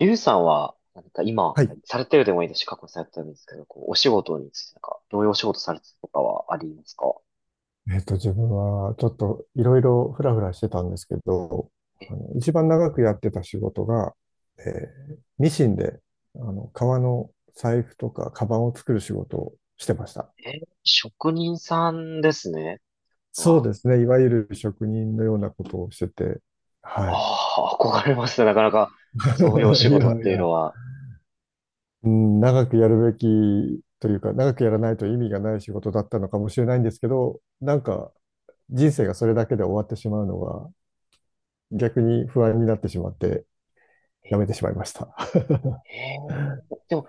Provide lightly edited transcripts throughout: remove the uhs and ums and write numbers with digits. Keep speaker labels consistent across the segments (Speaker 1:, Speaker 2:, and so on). Speaker 1: ゆうさんは、なんか今、
Speaker 2: はい。
Speaker 1: されてるでもいいですし、過去にされてるんですけど、こう、お仕事について、なんか、どういうお仕事されてるとかはありますか？
Speaker 2: 自分はちょっといろいろフラフラしてたんですけど、
Speaker 1: え、
Speaker 2: 一番長くやってた仕事が、えミシンで、革の財布とかカバンを作る仕事をしてました。
Speaker 1: えー、職人さんですね。
Speaker 2: そう
Speaker 1: は、
Speaker 2: ですね。いわゆる職人のようなことをしてて、はい。
Speaker 1: ああ、憧れますね。なかなか、そういうお 仕
Speaker 2: い
Speaker 1: 事っ
Speaker 2: やい
Speaker 1: ていう
Speaker 2: や、
Speaker 1: のは。
Speaker 2: うん、長くやるべきというか、長くやらないと意味がない仕事だったのかもしれないんですけど、なんか人生がそれだけで終わってしまうのが逆に不安になってしまって、
Speaker 1: え、
Speaker 2: やめてしまいました。
Speaker 1: え でも、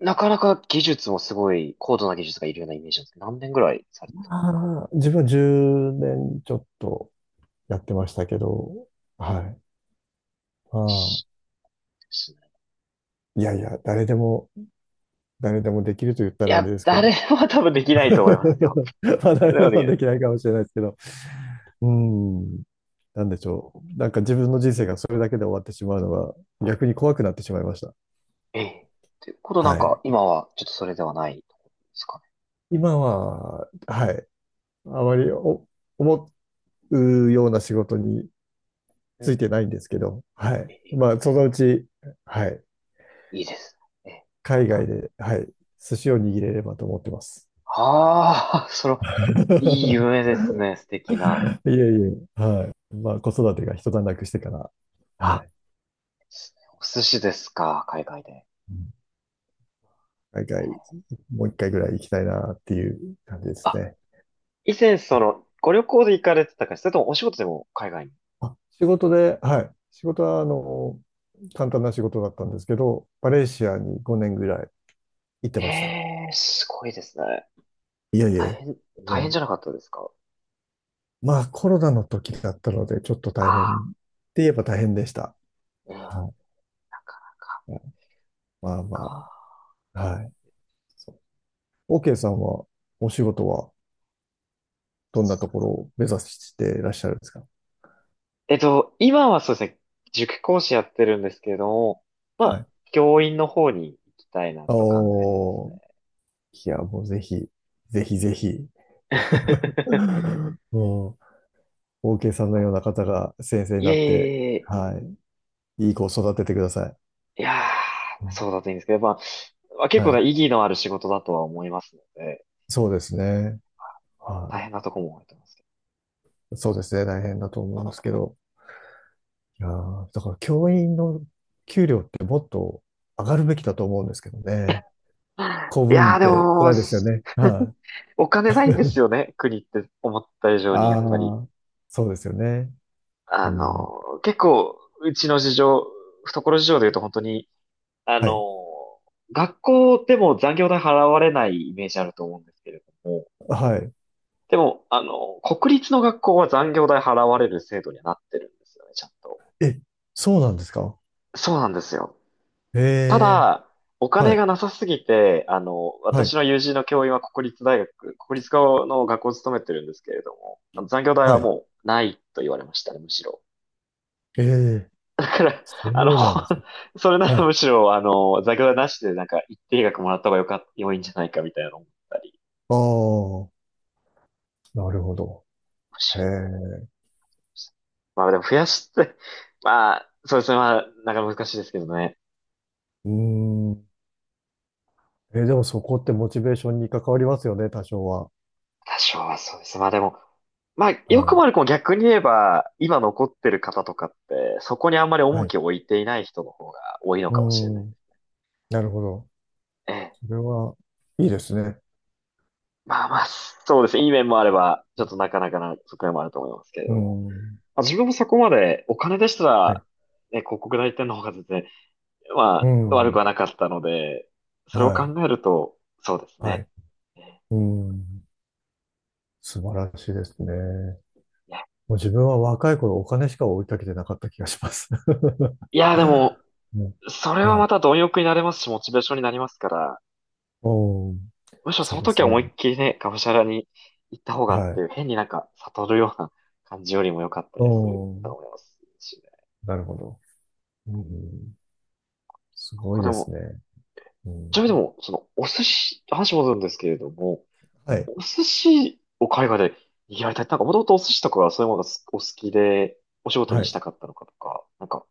Speaker 1: なかなか技術もすごい、高度な技術がいるようなイメージなんですけど、何年ぐらいされてたんですか？
Speaker 2: 自分は10年ちょっとやってましたけど、はい。ま
Speaker 1: し、ですね。
Speaker 2: あ、いやいや、誰でもできると言った
Speaker 1: い
Speaker 2: らあれ
Speaker 1: や、
Speaker 2: ですけど。
Speaker 1: 誰も多分できないと思いますよ。
Speaker 2: まあ、誰
Speaker 1: で
Speaker 2: で
Speaker 1: も
Speaker 2: もはで
Speaker 1: ね、
Speaker 2: きないかもしれないですけど。うん。なんでしょう。なんか自分の人生がそれだけで終わってしまうのは逆に怖くなってしまいました。
Speaker 1: ええ。ってことなん
Speaker 2: は
Speaker 1: か、
Speaker 2: い。
Speaker 1: 今はちょっとそれではないところですか
Speaker 2: 今は、はい。あまり思うような仕事に
Speaker 1: ね。う
Speaker 2: ついて
Speaker 1: ん、
Speaker 2: ないんですけど、は
Speaker 1: え
Speaker 2: い。
Speaker 1: え、
Speaker 2: まあ、そのうち、はい。
Speaker 1: いいですね。ええ、ま
Speaker 2: 海外
Speaker 1: た。
Speaker 2: で、はい、寿司を握れればと思ってます。
Speaker 1: ああ、その、いい夢 ですね。素敵な。
Speaker 2: いえいえ、はい。まあ、子育てが一段落してから、は
Speaker 1: あ、
Speaker 2: い。
Speaker 1: お寿司ですか、海外で。
Speaker 2: うん、海外、もう一回ぐらい行きたいなっていう感じです
Speaker 1: あ、
Speaker 2: ね。
Speaker 1: 以前そ
Speaker 2: あ、
Speaker 1: の、ご旅行で行かれてたか、それともお仕事でも海外に。
Speaker 2: 仕事で、はい。仕事は、簡単な仕事だったんですけど、マレーシアに5年ぐらい行って
Speaker 1: え
Speaker 2: ました。
Speaker 1: え、すごいですね。
Speaker 2: いえい
Speaker 1: 大
Speaker 2: え。
Speaker 1: 変、大変じゃ
Speaker 2: ね、
Speaker 1: なかったですか？
Speaker 2: まあ、コロナの時だったので、ちょっと
Speaker 1: あ
Speaker 2: 大変っ
Speaker 1: あ、
Speaker 2: て言えば大変でした。
Speaker 1: ええ、なかな
Speaker 2: は
Speaker 1: か。
Speaker 2: い。まあま
Speaker 1: か、
Speaker 2: あ、はい。OK さんは、お仕事はどんなところを目指していらっしゃるんですか？
Speaker 1: 今はそうですね、塾講師やってるんですけれども、ま
Speaker 2: は
Speaker 1: あ、
Speaker 2: い。
Speaker 1: 教員の方に行きたいなと考えてます
Speaker 2: お
Speaker 1: ね。
Speaker 2: ー、いや、もうぜひ、ぜひぜひ、もう、OK さんの
Speaker 1: あ、
Speaker 2: ような方が先生に
Speaker 1: いえ
Speaker 2: な
Speaker 1: い
Speaker 2: って、
Speaker 1: えい
Speaker 2: はい、いい子を育ててください。
Speaker 1: え、いや
Speaker 2: う
Speaker 1: ー、
Speaker 2: ん、
Speaker 1: そうだといいんですけど、まあ結
Speaker 2: は
Speaker 1: 構な
Speaker 2: い。
Speaker 1: 意義のある仕事だとは思いますので、
Speaker 2: そうですね。は
Speaker 1: 大変なとこも思ってますけど。
Speaker 2: い。そうですね。大変だと思いますけど。いやーだから教員の給料ってもっと上がるべきだと思うんですけどね。公
Speaker 1: い
Speaker 2: 務員
Speaker 1: や
Speaker 2: っ
Speaker 1: ー、で
Speaker 2: て辛
Speaker 1: も、
Speaker 2: いですよね。はい。
Speaker 1: お金ないんですよね、国って思った以上に、や
Speaker 2: あ
Speaker 1: っぱり。
Speaker 2: あ、そうですよね。うん。
Speaker 1: 結構、うちの事情、懐事情で言うと本当に、あ
Speaker 2: は
Speaker 1: の、
Speaker 2: い。
Speaker 1: 学校でも残業代払われないイメージあると思うんですけれども、
Speaker 2: はい。
Speaker 1: でも、国立の学校は残業代払われる制度にはなってるんですよね、ちゃんと。
Speaker 2: え、そうなんですか？
Speaker 1: そうなんですよ。
Speaker 2: へ
Speaker 1: た
Speaker 2: え、
Speaker 1: だ、お
Speaker 2: は
Speaker 1: 金
Speaker 2: い。
Speaker 1: がなさすぎて、
Speaker 2: は
Speaker 1: 私
Speaker 2: い。
Speaker 1: の友人の教員は国立大学、国立の学校を勤めてるんですけれども、あの残業代
Speaker 2: は
Speaker 1: は
Speaker 2: い。
Speaker 1: もうないと言われましたね、むしろ。
Speaker 2: ええ、
Speaker 1: だから、
Speaker 2: そ
Speaker 1: あの、
Speaker 2: うなんですね。
Speaker 1: それな
Speaker 2: は
Speaker 1: ら
Speaker 2: い。
Speaker 1: むしろ、残業代なしでなんか一定額もらった方がよかっ、良いんじゃないかみたいなのを思ったり。
Speaker 2: ああ、なるほど。へえ。
Speaker 1: まあでも増やして、まあ、そうですね。まあ、なかなか難しいですけどね。
Speaker 2: うーん。え、でもそこってモチベーションに関わりますよね、多少は。
Speaker 1: 多少はそうです。まあでも、まあ、よ
Speaker 2: は
Speaker 1: くも
Speaker 2: い。
Speaker 1: 悪くも逆に言えば、今残ってる方とかって、そこにあんまり
Speaker 2: は
Speaker 1: 重
Speaker 2: い。
Speaker 1: きを置いていない人の方が多いの
Speaker 2: う
Speaker 1: かもしれな
Speaker 2: ー
Speaker 1: い。
Speaker 2: ん。なるほど。
Speaker 1: ええ。
Speaker 2: それは、いいですね。
Speaker 1: まあまあ、そうですね。いい面もあれば、ちょっとなかなかな側面もあると思いますけれ
Speaker 2: うー
Speaker 1: ども。
Speaker 2: ん。
Speaker 1: まあ、自分もそこまで、お金でした
Speaker 2: はい。
Speaker 1: ら、ね、広告代理店の方が全然、
Speaker 2: うー
Speaker 1: まあ、悪く
Speaker 2: ん。
Speaker 1: はなかったので、それを
Speaker 2: は
Speaker 1: 考
Speaker 2: い。
Speaker 1: えると、そうです
Speaker 2: は
Speaker 1: ね。
Speaker 2: い。
Speaker 1: ええ、
Speaker 2: うーん。素晴らしいですね。
Speaker 1: いや、
Speaker 2: もう自分は若い頃お金しか追いかけてなかった気がします。
Speaker 1: いやでも、
Speaker 2: うん、
Speaker 1: それは
Speaker 2: は
Speaker 1: ま
Speaker 2: い。
Speaker 1: た貪欲になれますし、モチベーションになりますから、
Speaker 2: うん。
Speaker 1: むしろそ
Speaker 2: そう
Speaker 1: の
Speaker 2: で
Speaker 1: 時
Speaker 2: す
Speaker 1: は思い
Speaker 2: ね。
Speaker 1: っきりね、がむしゃらに行った方がっ
Speaker 2: は
Speaker 1: て
Speaker 2: い。
Speaker 1: いう、変になんか悟るような感じよりも良かった
Speaker 2: う
Speaker 1: りすると
Speaker 2: ん。
Speaker 1: 思いますしね。
Speaker 2: なるほど。うん。す
Speaker 1: なん
Speaker 2: ごい
Speaker 1: かで
Speaker 2: です
Speaker 1: も、
Speaker 2: ね。う
Speaker 1: ち
Speaker 2: ん。
Speaker 1: なみにでも、その、お寿司、話戻るんですけれども、
Speaker 2: はい。
Speaker 1: お寿司を海外でやりたい。なんか、もともとお寿司とかそういうものがお好きで、お仕事
Speaker 2: は
Speaker 1: にし
Speaker 2: い。
Speaker 1: たかったのかとか、なんか、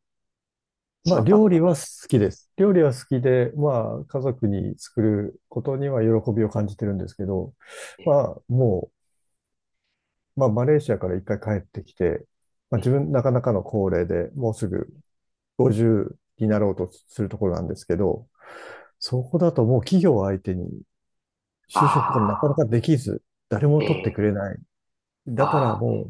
Speaker 1: そ
Speaker 2: ま
Speaker 1: う
Speaker 2: あ、
Speaker 1: いうのってあっ
Speaker 2: 料理
Speaker 1: た。
Speaker 2: は好きです。料理は好きで、まあ、家族に作ることには喜びを感じてるんですけど、ま
Speaker 1: え、
Speaker 2: あ、もう、まあ、マレーシアから一回帰ってきて、まあ、
Speaker 1: え、
Speaker 2: 自分、なかなかの高齢で、もうすぐ50になろうとするところなんですけど、
Speaker 1: え、
Speaker 2: そこだともう企業を相手に就職がなかな
Speaker 1: あ
Speaker 2: かできず、誰も
Speaker 1: ー、
Speaker 2: 取ってくれない。だから
Speaker 1: あー、
Speaker 2: も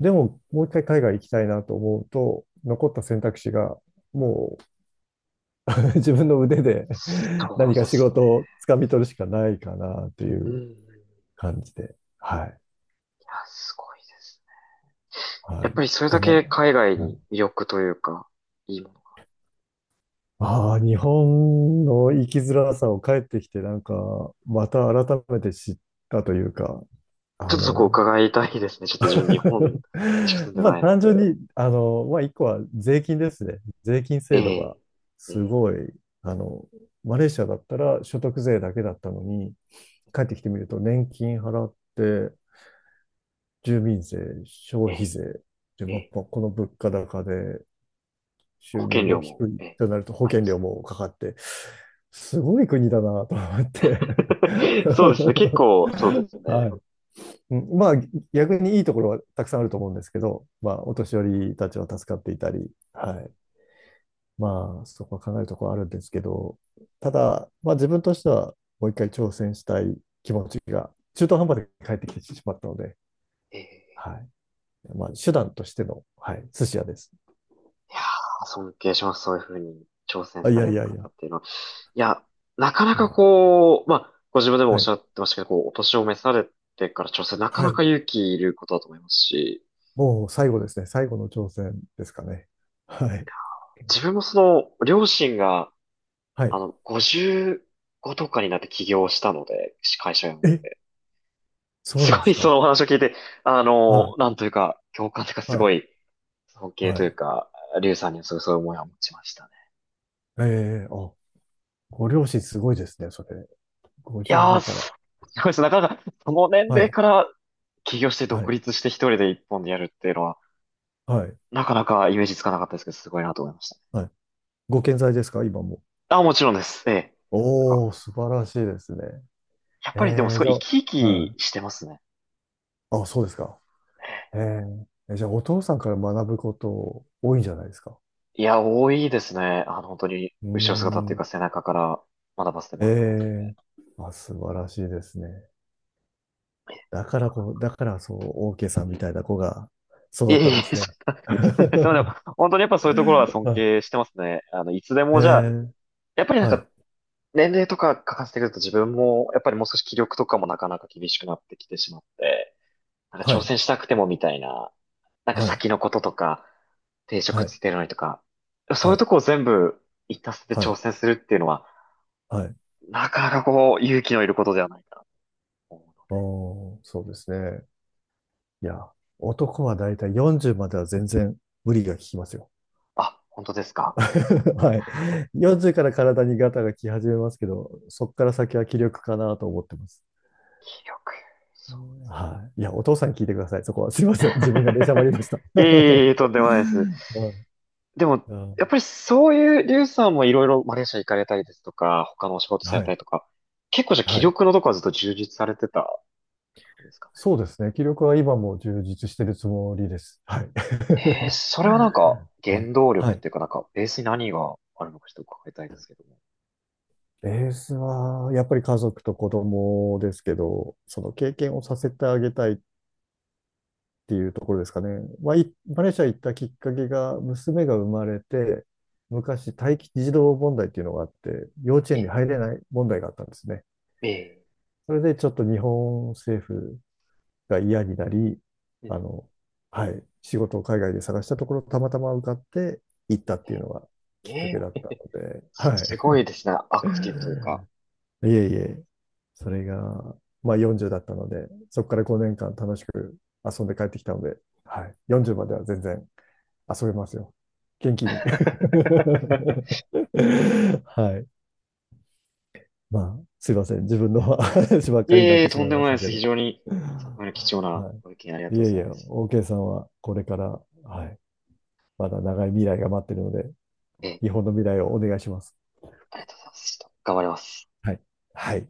Speaker 2: う、でももう一回海外行きたいなと思うと、残った選択肢がもう 自分の腕で
Speaker 1: そ
Speaker 2: 何
Speaker 1: う
Speaker 2: か
Speaker 1: で
Speaker 2: 仕
Speaker 1: す
Speaker 2: 事を掴み取るしかないかなとい
Speaker 1: ね。う
Speaker 2: う
Speaker 1: ん。
Speaker 2: 感じで。はい。
Speaker 1: いや、すごいですね。
Speaker 2: は
Speaker 1: やっ
Speaker 2: い。
Speaker 1: ぱりそれだ
Speaker 2: ただ、
Speaker 1: け海外
Speaker 2: う
Speaker 1: に
Speaker 2: ん、
Speaker 1: 魅力というか、いいもの。
Speaker 2: ああ、日本の生きづらさを帰ってきて、なんか、また改めて知ったというか、あ
Speaker 1: ちょっとそこ
Speaker 2: の、
Speaker 1: を伺いたいですね。ちょっと自分日本にしか住 んで
Speaker 2: まあ
Speaker 1: ないの
Speaker 2: 単純
Speaker 1: で。
Speaker 2: に、まあ一個は税金ですね。税金
Speaker 1: え
Speaker 2: 制度が
Speaker 1: え、え
Speaker 2: す
Speaker 1: え、
Speaker 2: ごい、あの、マレーシアだったら所得税だけだったのに、帰ってきてみると年金払って、住民税、消費
Speaker 1: え
Speaker 2: 税、で、
Speaker 1: え、
Speaker 2: まあ、
Speaker 1: ええ、
Speaker 2: この物価高で
Speaker 1: 保
Speaker 2: 収入
Speaker 1: 険
Speaker 2: も
Speaker 1: 料
Speaker 2: 低
Speaker 1: も、
Speaker 2: い
Speaker 1: ええ、
Speaker 2: となると保
Speaker 1: あり
Speaker 2: 険
Speaker 1: ま
Speaker 2: 料
Speaker 1: す。
Speaker 2: もかかって、すごい国だなと思って
Speaker 1: そうですね。結 構、そうですね。
Speaker 2: はい。うん、まあ、逆にいいところはたくさんあると思うんですけど、まあ、お年寄りたちは助かっていたり、はい。まあ、そこは考えるところはあるんですけど、ただ、まあ、自分としてはもう一回挑戦したい。中途半端で帰ってきてしまったので、
Speaker 1: ええ、
Speaker 2: はい。まあ、手段としての、はい、寿司屋です。
Speaker 1: いやー、尊敬します。そういうふうに挑戦
Speaker 2: あ、い
Speaker 1: さ
Speaker 2: や
Speaker 1: れ
Speaker 2: い
Speaker 1: る
Speaker 2: やい
Speaker 1: 方
Speaker 2: や、
Speaker 1: っていうのは。いや、なかな
Speaker 2: い
Speaker 1: か
Speaker 2: や、
Speaker 1: こう、まあ、ご自分でもおっ
Speaker 2: は
Speaker 1: し
Speaker 2: い。
Speaker 1: ゃってましたけど、こう、お年を召されてから挑戦、なか
Speaker 2: は
Speaker 1: な
Speaker 2: い。
Speaker 1: か勇気いることだと思いますし、
Speaker 2: もう最後ですね。最後の挑戦ですかね。はい。
Speaker 1: 自分も両親が、
Speaker 2: はい。
Speaker 1: 55とかになって起業したので、会社を。
Speaker 2: え、そう
Speaker 1: す
Speaker 2: なんで
Speaker 1: ご
Speaker 2: す
Speaker 1: いそ
Speaker 2: か。
Speaker 1: のお話を聞いて、
Speaker 2: はい。
Speaker 1: なんというか、共感というか、す
Speaker 2: はい。
Speaker 1: ごい、尊敬
Speaker 2: は
Speaker 1: という
Speaker 2: い。
Speaker 1: か、リュウさんにはすごいそういう思いは持ちましたね。
Speaker 2: ええ、あ、ご両親すごいですね、それ。
Speaker 1: いや
Speaker 2: 55
Speaker 1: ー、
Speaker 2: から。
Speaker 1: すごいです。なかなか、その年
Speaker 2: は
Speaker 1: 齢
Speaker 2: い、
Speaker 1: から起業して
Speaker 2: は
Speaker 1: 独
Speaker 2: い、
Speaker 1: 立して一人で一本でやるっていうのは、
Speaker 2: はい、
Speaker 1: なかなかイメージつかなかったですけど、すごいなと思いましたね。
Speaker 2: はい。ご健在ですか、今も？
Speaker 1: あ、もちろんです。ええ。なんか
Speaker 2: おー、素晴らしいですね。
Speaker 1: やっぱりでも
Speaker 2: え
Speaker 1: す
Speaker 2: ー、
Speaker 1: ご
Speaker 2: じゃ
Speaker 1: い生き生
Speaker 2: あ、は
Speaker 1: き
Speaker 2: い。
Speaker 1: してますね。
Speaker 2: あ、そうですか。えー、じゃあ、お父さんから学ぶこと多いんじゃないですか？
Speaker 1: いや、多いですね。本当に、
Speaker 2: うー
Speaker 1: 後ろ姿っていう
Speaker 2: ん。
Speaker 1: か背中から学ばせてもらってます。
Speaker 2: えー、あ、素晴らしいですね。だからそう、オーケーさんみたいな子が
Speaker 1: い
Speaker 2: 育
Speaker 1: え
Speaker 2: ったん
Speaker 1: い
Speaker 2: で
Speaker 1: え、
Speaker 2: す
Speaker 1: そ
Speaker 2: ね。
Speaker 1: んな、そうでも、
Speaker 2: は
Speaker 1: 本当にやっぱそういうところは尊敬してますね。いつで
Speaker 2: い、え
Speaker 1: もじゃあ、
Speaker 2: ー、
Speaker 1: やっぱりなん
Speaker 2: は
Speaker 1: か、
Speaker 2: い、
Speaker 1: 年齢とか書かせてくると自分も、やっぱりもう少し気力とかもなかなか厳しくなってきてしまって、なんか
Speaker 2: は
Speaker 1: 挑
Speaker 2: い、
Speaker 1: 戦したくてもみたいな、なんか
Speaker 2: はい、
Speaker 1: 先のこととか、定
Speaker 2: は
Speaker 1: 職
Speaker 2: い、
Speaker 1: ついてるのにとか、そう
Speaker 2: は
Speaker 1: いう
Speaker 2: い、
Speaker 1: とこを全部一たせて
Speaker 2: は
Speaker 1: 挑
Speaker 2: い、
Speaker 1: 戦するっていうのは、
Speaker 2: はい。
Speaker 1: なかなかこう、勇気のいることではないかなと思うの。
Speaker 2: おー、そうですね。いや、男はだいたい40までは全然無理が効きますよ。
Speaker 1: あ、本当ですか？
Speaker 2: はい。40から体にガタが来始めますけど、そこから先は気力かなと思ってます。
Speaker 1: 記憶。そう
Speaker 2: はい。いや、お父さんに聞いてください。そこは。
Speaker 1: です
Speaker 2: すいま
Speaker 1: ね。
Speaker 2: せん。自分が出しゃば りました。
Speaker 1: いえ いえいえ、とんでもないです。
Speaker 2: うん
Speaker 1: でも、
Speaker 2: うん、
Speaker 1: やっぱりそういう、リュウさんもいろいろマレーシア行かれたりですとか、他のお仕事され
Speaker 2: は
Speaker 1: た
Speaker 2: い。
Speaker 1: りとか、結構じゃあ気
Speaker 2: はい。
Speaker 1: 力のとこはずっと充実されてたんですか
Speaker 2: そうですね。気力は今も充実してるつもりです。はい。
Speaker 1: ね。それはなんか、
Speaker 2: はい。
Speaker 1: 原動
Speaker 2: は
Speaker 1: 力っ
Speaker 2: い。
Speaker 1: ていうか、なんか、ベースに何があるのかちょっと伺いたいですけども。
Speaker 2: ベースは、やっぱり家族と子供ですけど、その経験をさせてあげたいっていうところですかね。まあ、マレーシア行ったきっかけが、娘が生まれて、昔、待機児童問題っていうのがあって、幼稚園に
Speaker 1: え、
Speaker 2: 入れない問題があったんですね。
Speaker 1: え
Speaker 2: それでちょっと日本政府が嫌になり、
Speaker 1: ー、え
Speaker 2: あの、はい、仕事を海外で探したところ、たまたま受かって行ったっていうのが
Speaker 1: え
Speaker 2: きっか
Speaker 1: え
Speaker 2: けだっ
Speaker 1: ー、
Speaker 2: たので、はい。
Speaker 1: すごいですね。アクティブというか。
Speaker 2: いえいえ、それが、まあ40だったので、そこから5年間楽しく遊んで帰ってきたので、はい、40までは全然遊べますよ。元気に。はい。まあ、すいません。自分の 話ばっ
Speaker 1: い
Speaker 2: かりになっ
Speaker 1: えいえ、
Speaker 2: てし
Speaker 1: と
Speaker 2: ま
Speaker 1: ん
Speaker 2: い
Speaker 1: で
Speaker 2: ま
Speaker 1: も
Speaker 2: し
Speaker 1: ない
Speaker 2: た
Speaker 1: で
Speaker 2: け
Speaker 1: す。非
Speaker 2: ど。
Speaker 1: 常に参考になる貴重な
Speaker 2: は
Speaker 1: ご意見ありが
Speaker 2: い。
Speaker 1: と
Speaker 2: い
Speaker 1: うご
Speaker 2: えい
Speaker 1: ざい
Speaker 2: え、
Speaker 1: ます。
Speaker 2: OK さんはこれから、はい、まだ長い未来が待ってるので、
Speaker 1: えー
Speaker 2: 日本の未来をお願いします。
Speaker 1: ありがとうございます。ちょっと頑張ります。
Speaker 2: はい。はい。